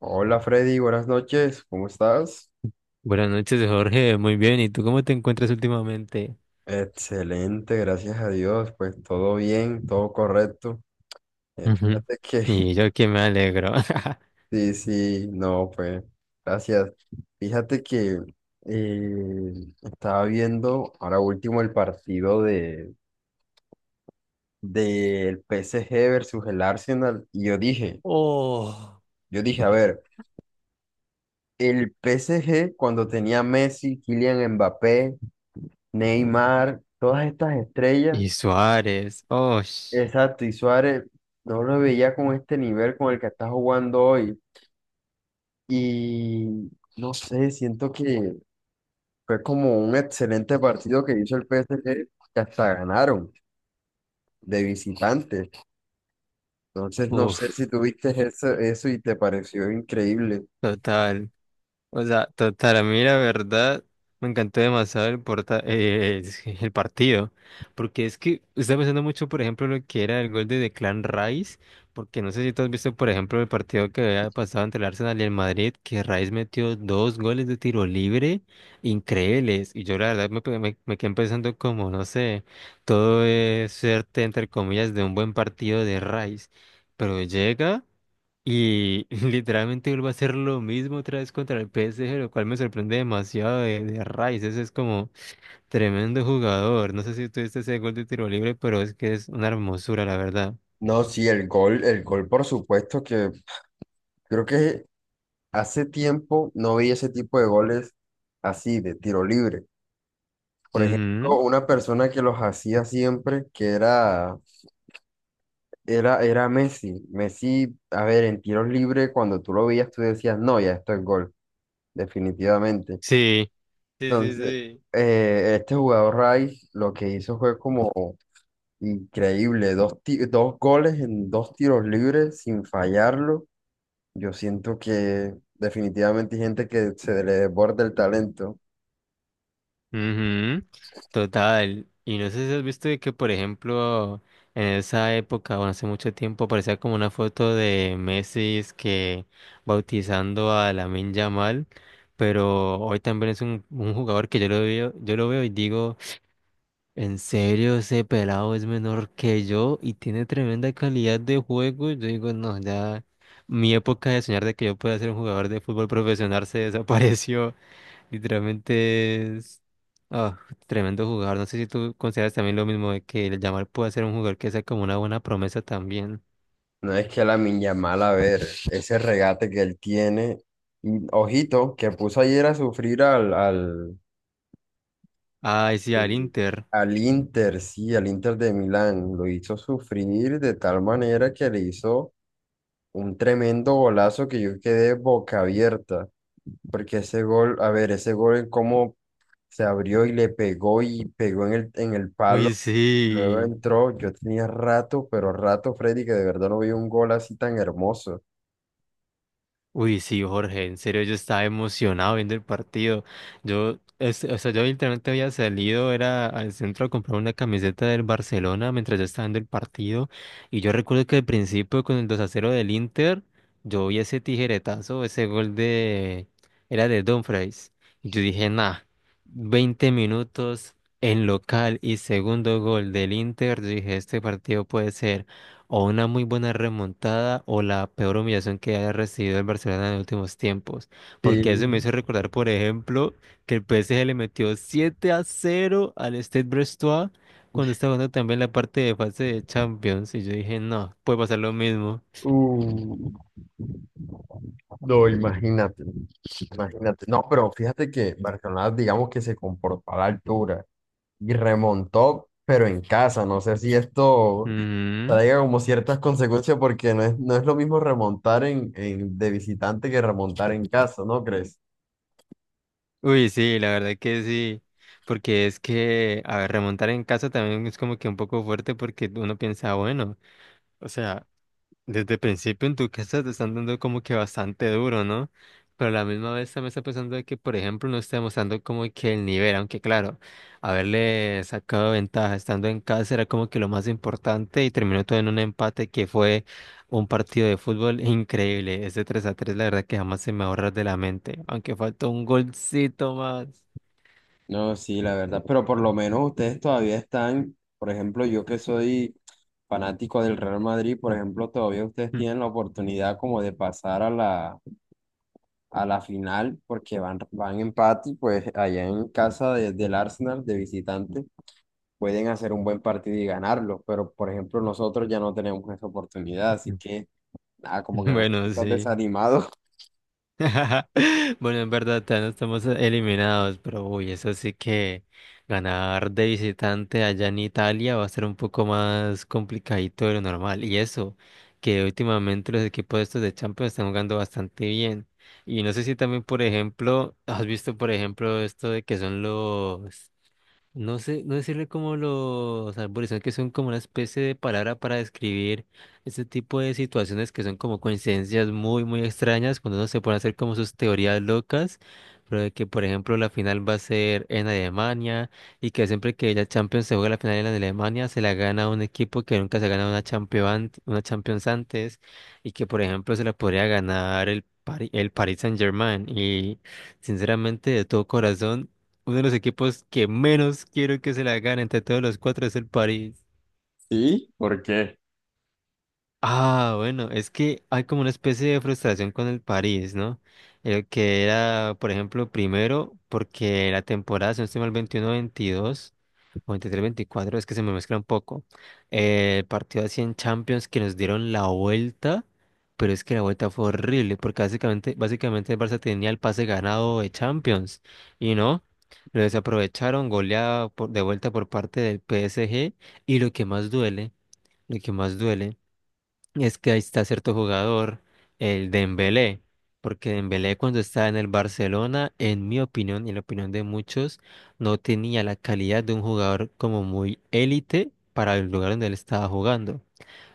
Hola Freddy, buenas noches, ¿cómo estás? Buenas noches, Jorge. Muy bien. ¿Y tú cómo te encuentras últimamente? Excelente, gracias a Dios, pues todo bien, todo correcto. Eh, Ujú. fíjate que, Y yo que me alegro. sí, sí, no, pues, gracias. Fíjate que eh, estaba viendo ahora último el partido de del PSG versus el Arsenal y Oh. yo dije, a ver, el PSG cuando tenía Messi, Kylian Mbappé, Neymar, todas estas estrellas. Y Suárez. Oh. Exacto, y Suárez no lo veía con este nivel con el que está jugando hoy. Y no sé, siento que fue como un excelente partido que hizo el PSG, que hasta ganaron de visitantes. Entonces, no sé si Uf. tuviste eso y te pareció increíble. Total. O sea, total, a mí la verdad me encantó demasiado es que el partido, porque es que estaba pensando mucho, por ejemplo, lo que era el gol de Declan Rice, porque no sé si tú has visto, por ejemplo, el partido que había pasado entre el Arsenal y el Madrid, que Rice metió dos goles de tiro libre increíbles, y yo la verdad me quedé pensando como, no sé, todo es suerte, entre comillas, de un buen partido de Rice, pero llega… Y literalmente vuelve a hacer lo mismo otra vez contra el PSG, lo cual me sorprende demasiado de Rice. Ese es como tremendo jugador. No sé si tuviste ese gol de tiro libre, pero es que es una hermosura, la verdad. No, sí, el gol, por supuesto, que creo que hace tiempo no veía ese tipo de goles así, de tiro libre. Por ejemplo, Ujú. una persona que los hacía siempre, que era. Era Messi. Messi, a ver, en tiros libres, cuando tú lo veías, tú decías, no, ya esto es gol, definitivamente. Sí, sí, sí, Entonces, sí. Este jugador Rice lo que hizo fue como increíble, dos goles en dos tiros libres sin fallarlo. Yo siento que definitivamente hay gente que se le desborda el talento. Ujú. Total. Y no sé si has visto de que, por ejemplo, en esa época, bueno, hace mucho tiempo, aparecía como una foto de Messi es que bautizando a Lamine Yamal, pero hoy también es un jugador que yo lo veo y digo, en serio, ese pelado es menor que yo y tiene tremenda calidad de juego. Yo digo, no, ya mi época de soñar de que yo pueda ser un jugador de fútbol profesional se desapareció. Literalmente es ah, tremendo jugador. No sé si tú consideras también lo mismo de que el Yamal puede ser un jugador que sea como una buena promesa también. No es que la Yamal, a ver, ese regate que él tiene, y, ojito, que puso ayer a sufrir al Ay, sí, al Sí. Inter. Al Inter, sí, al Inter de Milán, lo hizo sufrir de tal manera que le hizo un tremendo golazo que yo quedé boca abierta, porque ese gol, a ver, ese gol, en cómo se abrió y le pegó y pegó en el Uy, palo, luego sí. entró, yo tenía rato, pero rato, Freddy, que de verdad no vi un gol así tan hermoso. Uy, sí, Jorge, en serio yo estaba emocionado viendo el partido. Yo, o sea, yo literalmente había salido, era al centro a comprar una camiseta del Barcelona mientras yo estaba viendo el partido. Y yo recuerdo que al principio con el 2-0 del Inter, yo vi ese tijeretazo, ese gol de, era de Dumfries. Y yo dije, nah, 20 minutos en local y segundo gol del Inter. Yo dije, este partido puede ser. O una muy buena remontada o la peor humillación que haya recibido el Barcelona en los últimos tiempos. Porque eso me Sí. hizo recordar, por ejemplo, que el PSG le metió 7-0 al Stade Brestois cuando estaba jugando también la parte de fase de Champions. Y yo dije, no, puede pasar lo mismo. Uh, no, imagínate, imagínate. No, pero fíjate que Barcelona, digamos que se comportó a la altura y remontó, pero en casa. No sé si esto Ujú. traiga como ciertas consecuencias porque no es lo mismo remontar de visitante que remontar en casa, ¿no crees? Uy, sí, la verdad que sí. Porque es que, a ver, remontar en casa también es como que un poco fuerte porque uno piensa, bueno, o sea. Desde el principio en tu casa te están dando como que bastante duro, ¿no? Pero a la misma vez también está pensando de que, por ejemplo, no está demostrando como que el nivel, aunque claro, haberle sacado ventaja estando en casa era como que lo más importante y terminó todo en un empate que fue un partido de fútbol increíble. Ese 3-3 la verdad que jamás se me ahorra de la mente, aunque faltó un golcito más. No, sí, la verdad, pero por lo menos ustedes todavía están, por ejemplo, yo que soy fanático del Real Madrid, por ejemplo, todavía ustedes tienen la oportunidad como de pasar a la final porque van, van empate y pues allá en casa del Arsenal de visitante pueden hacer un buen partido y ganarlo, pero por ejemplo nosotros ya no tenemos esa oportunidad, así que nada, como que no te Bueno, estás sí. desanimado. Bueno, en verdad, ya no estamos eliminados, pero uy, eso sí que ganar de visitante allá en Italia va a ser un poco más complicadito de lo normal. Y eso, que últimamente los equipos estos de Champions están jugando bastante bien. Y no sé si también, por ejemplo, has visto, por ejemplo, esto de que son los no sé, no decirle como los arborizados que son como una especie de palabra para describir este tipo de situaciones que son como coincidencias muy, muy extrañas cuando uno se pone a hacer como sus teorías locas, pero de que por ejemplo la final va a ser en Alemania y que siempre que la Champions se juega la final en Alemania se la gana un equipo que nunca se ha ganado una Champions antes y que por ejemplo se la podría ganar el Paris Saint-Germain y sinceramente de todo corazón. Uno de los equipos que menos quiero que se la gane entre todos los cuatro es el París. Sí, ¿por qué? Ah, bueno, es que hay como una especie de frustración con el París, ¿no? El que era, por ejemplo, primero, porque la temporada, si no estoy mal, 21-22 o 23-24, es que se me mezcla un poco. El partido así en Champions que nos dieron la vuelta, pero es que la vuelta fue horrible, porque básicamente el Barça tenía el pase ganado de Champions, y no, lo desaprovecharon, goleada de vuelta por parte del PSG, y lo que más duele, lo que más duele. Es que ahí está cierto jugador, el Dembélé, porque Dembélé cuando estaba en el Barcelona, en mi opinión y en la opinión de muchos, no tenía la calidad de un jugador como muy élite para el lugar donde él estaba jugando.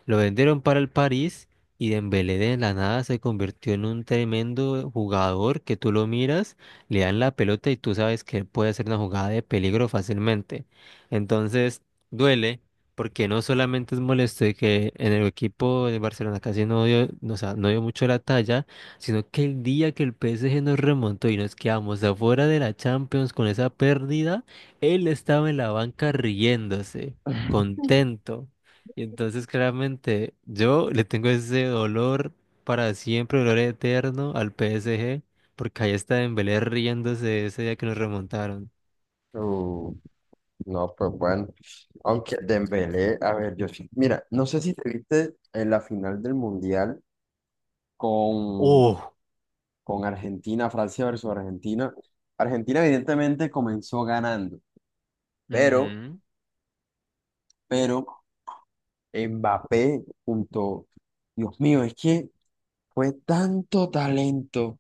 Lo vendieron para el París y Dembélé de la nada se convirtió en un tremendo jugador que tú lo miras, le dan la pelota y tú sabes que él puede hacer una jugada de peligro fácilmente. Entonces, duele porque no solamente es molesto de que en el equipo de Barcelona casi no dio, no, o sea, no dio mucho la talla, sino que el día que el PSG nos remontó y nos quedamos afuera de la Champions con esa pérdida, él estaba en la banca riéndose, contento. Y entonces claramente yo le tengo ese dolor para siempre, dolor eterno al PSG, porque ahí está Dembélé riéndose ese día que nos remontaron. Uh, no, pues bueno, aunque Dembélé, a ver, yo sí- mira, no sé si te viste en la final del Mundial con, ¡Oh! con Argentina, Francia versus Argentina. Argentina evidentemente comenzó ganando, pero Ujú. pero Mbappé junto, Dios mío, es que fue tanto talento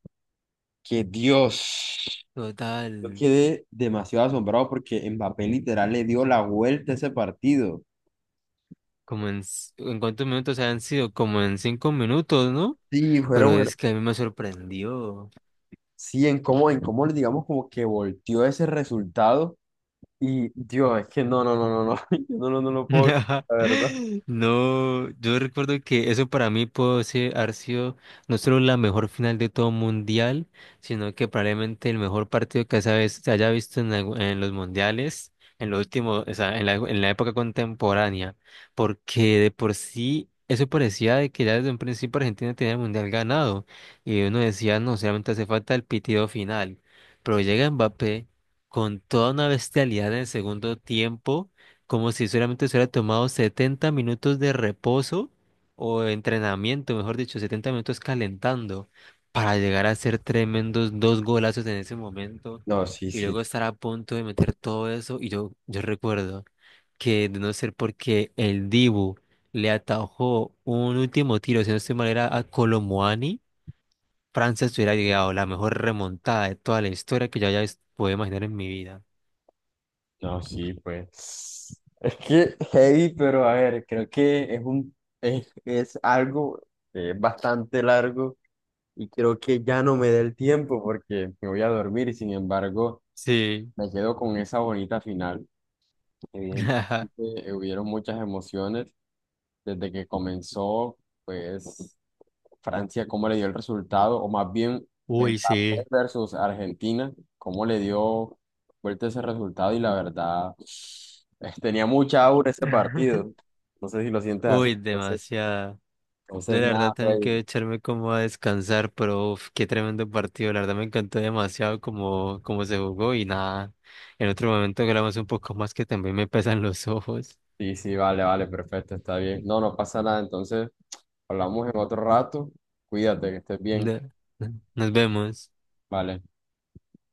que Dios, Total, yo quedé demasiado asombrado porque Mbappé literal le dio la vuelta a ese partido. como en, ¿en cuántos minutos han sido? Como en 5 minutos, ¿no? Sí, Pero es que a mí me sorprendió. sí, en cómo, digamos, como que volteó ese resultado y Dios, es que yo no lo puedo creer, la verdad. No, yo recuerdo que eso para mí puede ser, haber sido no solo la mejor final de todo mundial, sino que probablemente el mejor partido que esa vez se haya visto en los mundiales, en lo último, o sea, en la época contemporánea, porque de por sí eso parecía de que ya desde un principio Argentina tenía el mundial ganado, y uno decía, no, solamente hace falta el pitido final, pero llega Mbappé con toda una bestialidad en el segundo tiempo como si solamente se hubiera tomado 70 minutos de reposo o entrenamiento, mejor dicho, 70 minutos calentando para llegar a hacer tremendos dos golazos en ese momento No, sí, y sí. luego estar a punto de meter todo eso. Yo recuerdo que de no ser porque el Dibu le atajó un último tiro, si no estoy mal, era a Colomuani, Francia se hubiera llegado la mejor remontada de toda la historia que yo haya podido imaginar en mi vida. No, sí, pues. Es que heavy, pero a ver, creo que es algo bastante largo y creo que ya no me da el tiempo porque me voy a dormir y sin embargo Sí. me quedo con esa bonita final. Evidentemente hubieron muchas emociones desde que comenzó, pues Francia, cómo le dio el resultado, o más bien Uy, Mbappé sí. versus Argentina, cómo le dio vuelta ese resultado y la verdad tenía mucha aura ese partido. No sé si lo sientes así. Uy, Entonces, demasiado. Yo entonces la nada, verdad también quiero Freddy. echarme como a descansar, pero uf, qué tremendo partido. La verdad me encantó demasiado como, como se jugó y nada. En otro momento grabamos un poco más que también me pesan los ojos. Sí, sí, vale, vale, perfecto, está bien. No, no pasa nada. Entonces, Ujú. hablamos en otro rato. Cuídate, que estés bien. Na- Nos vemos. Vale.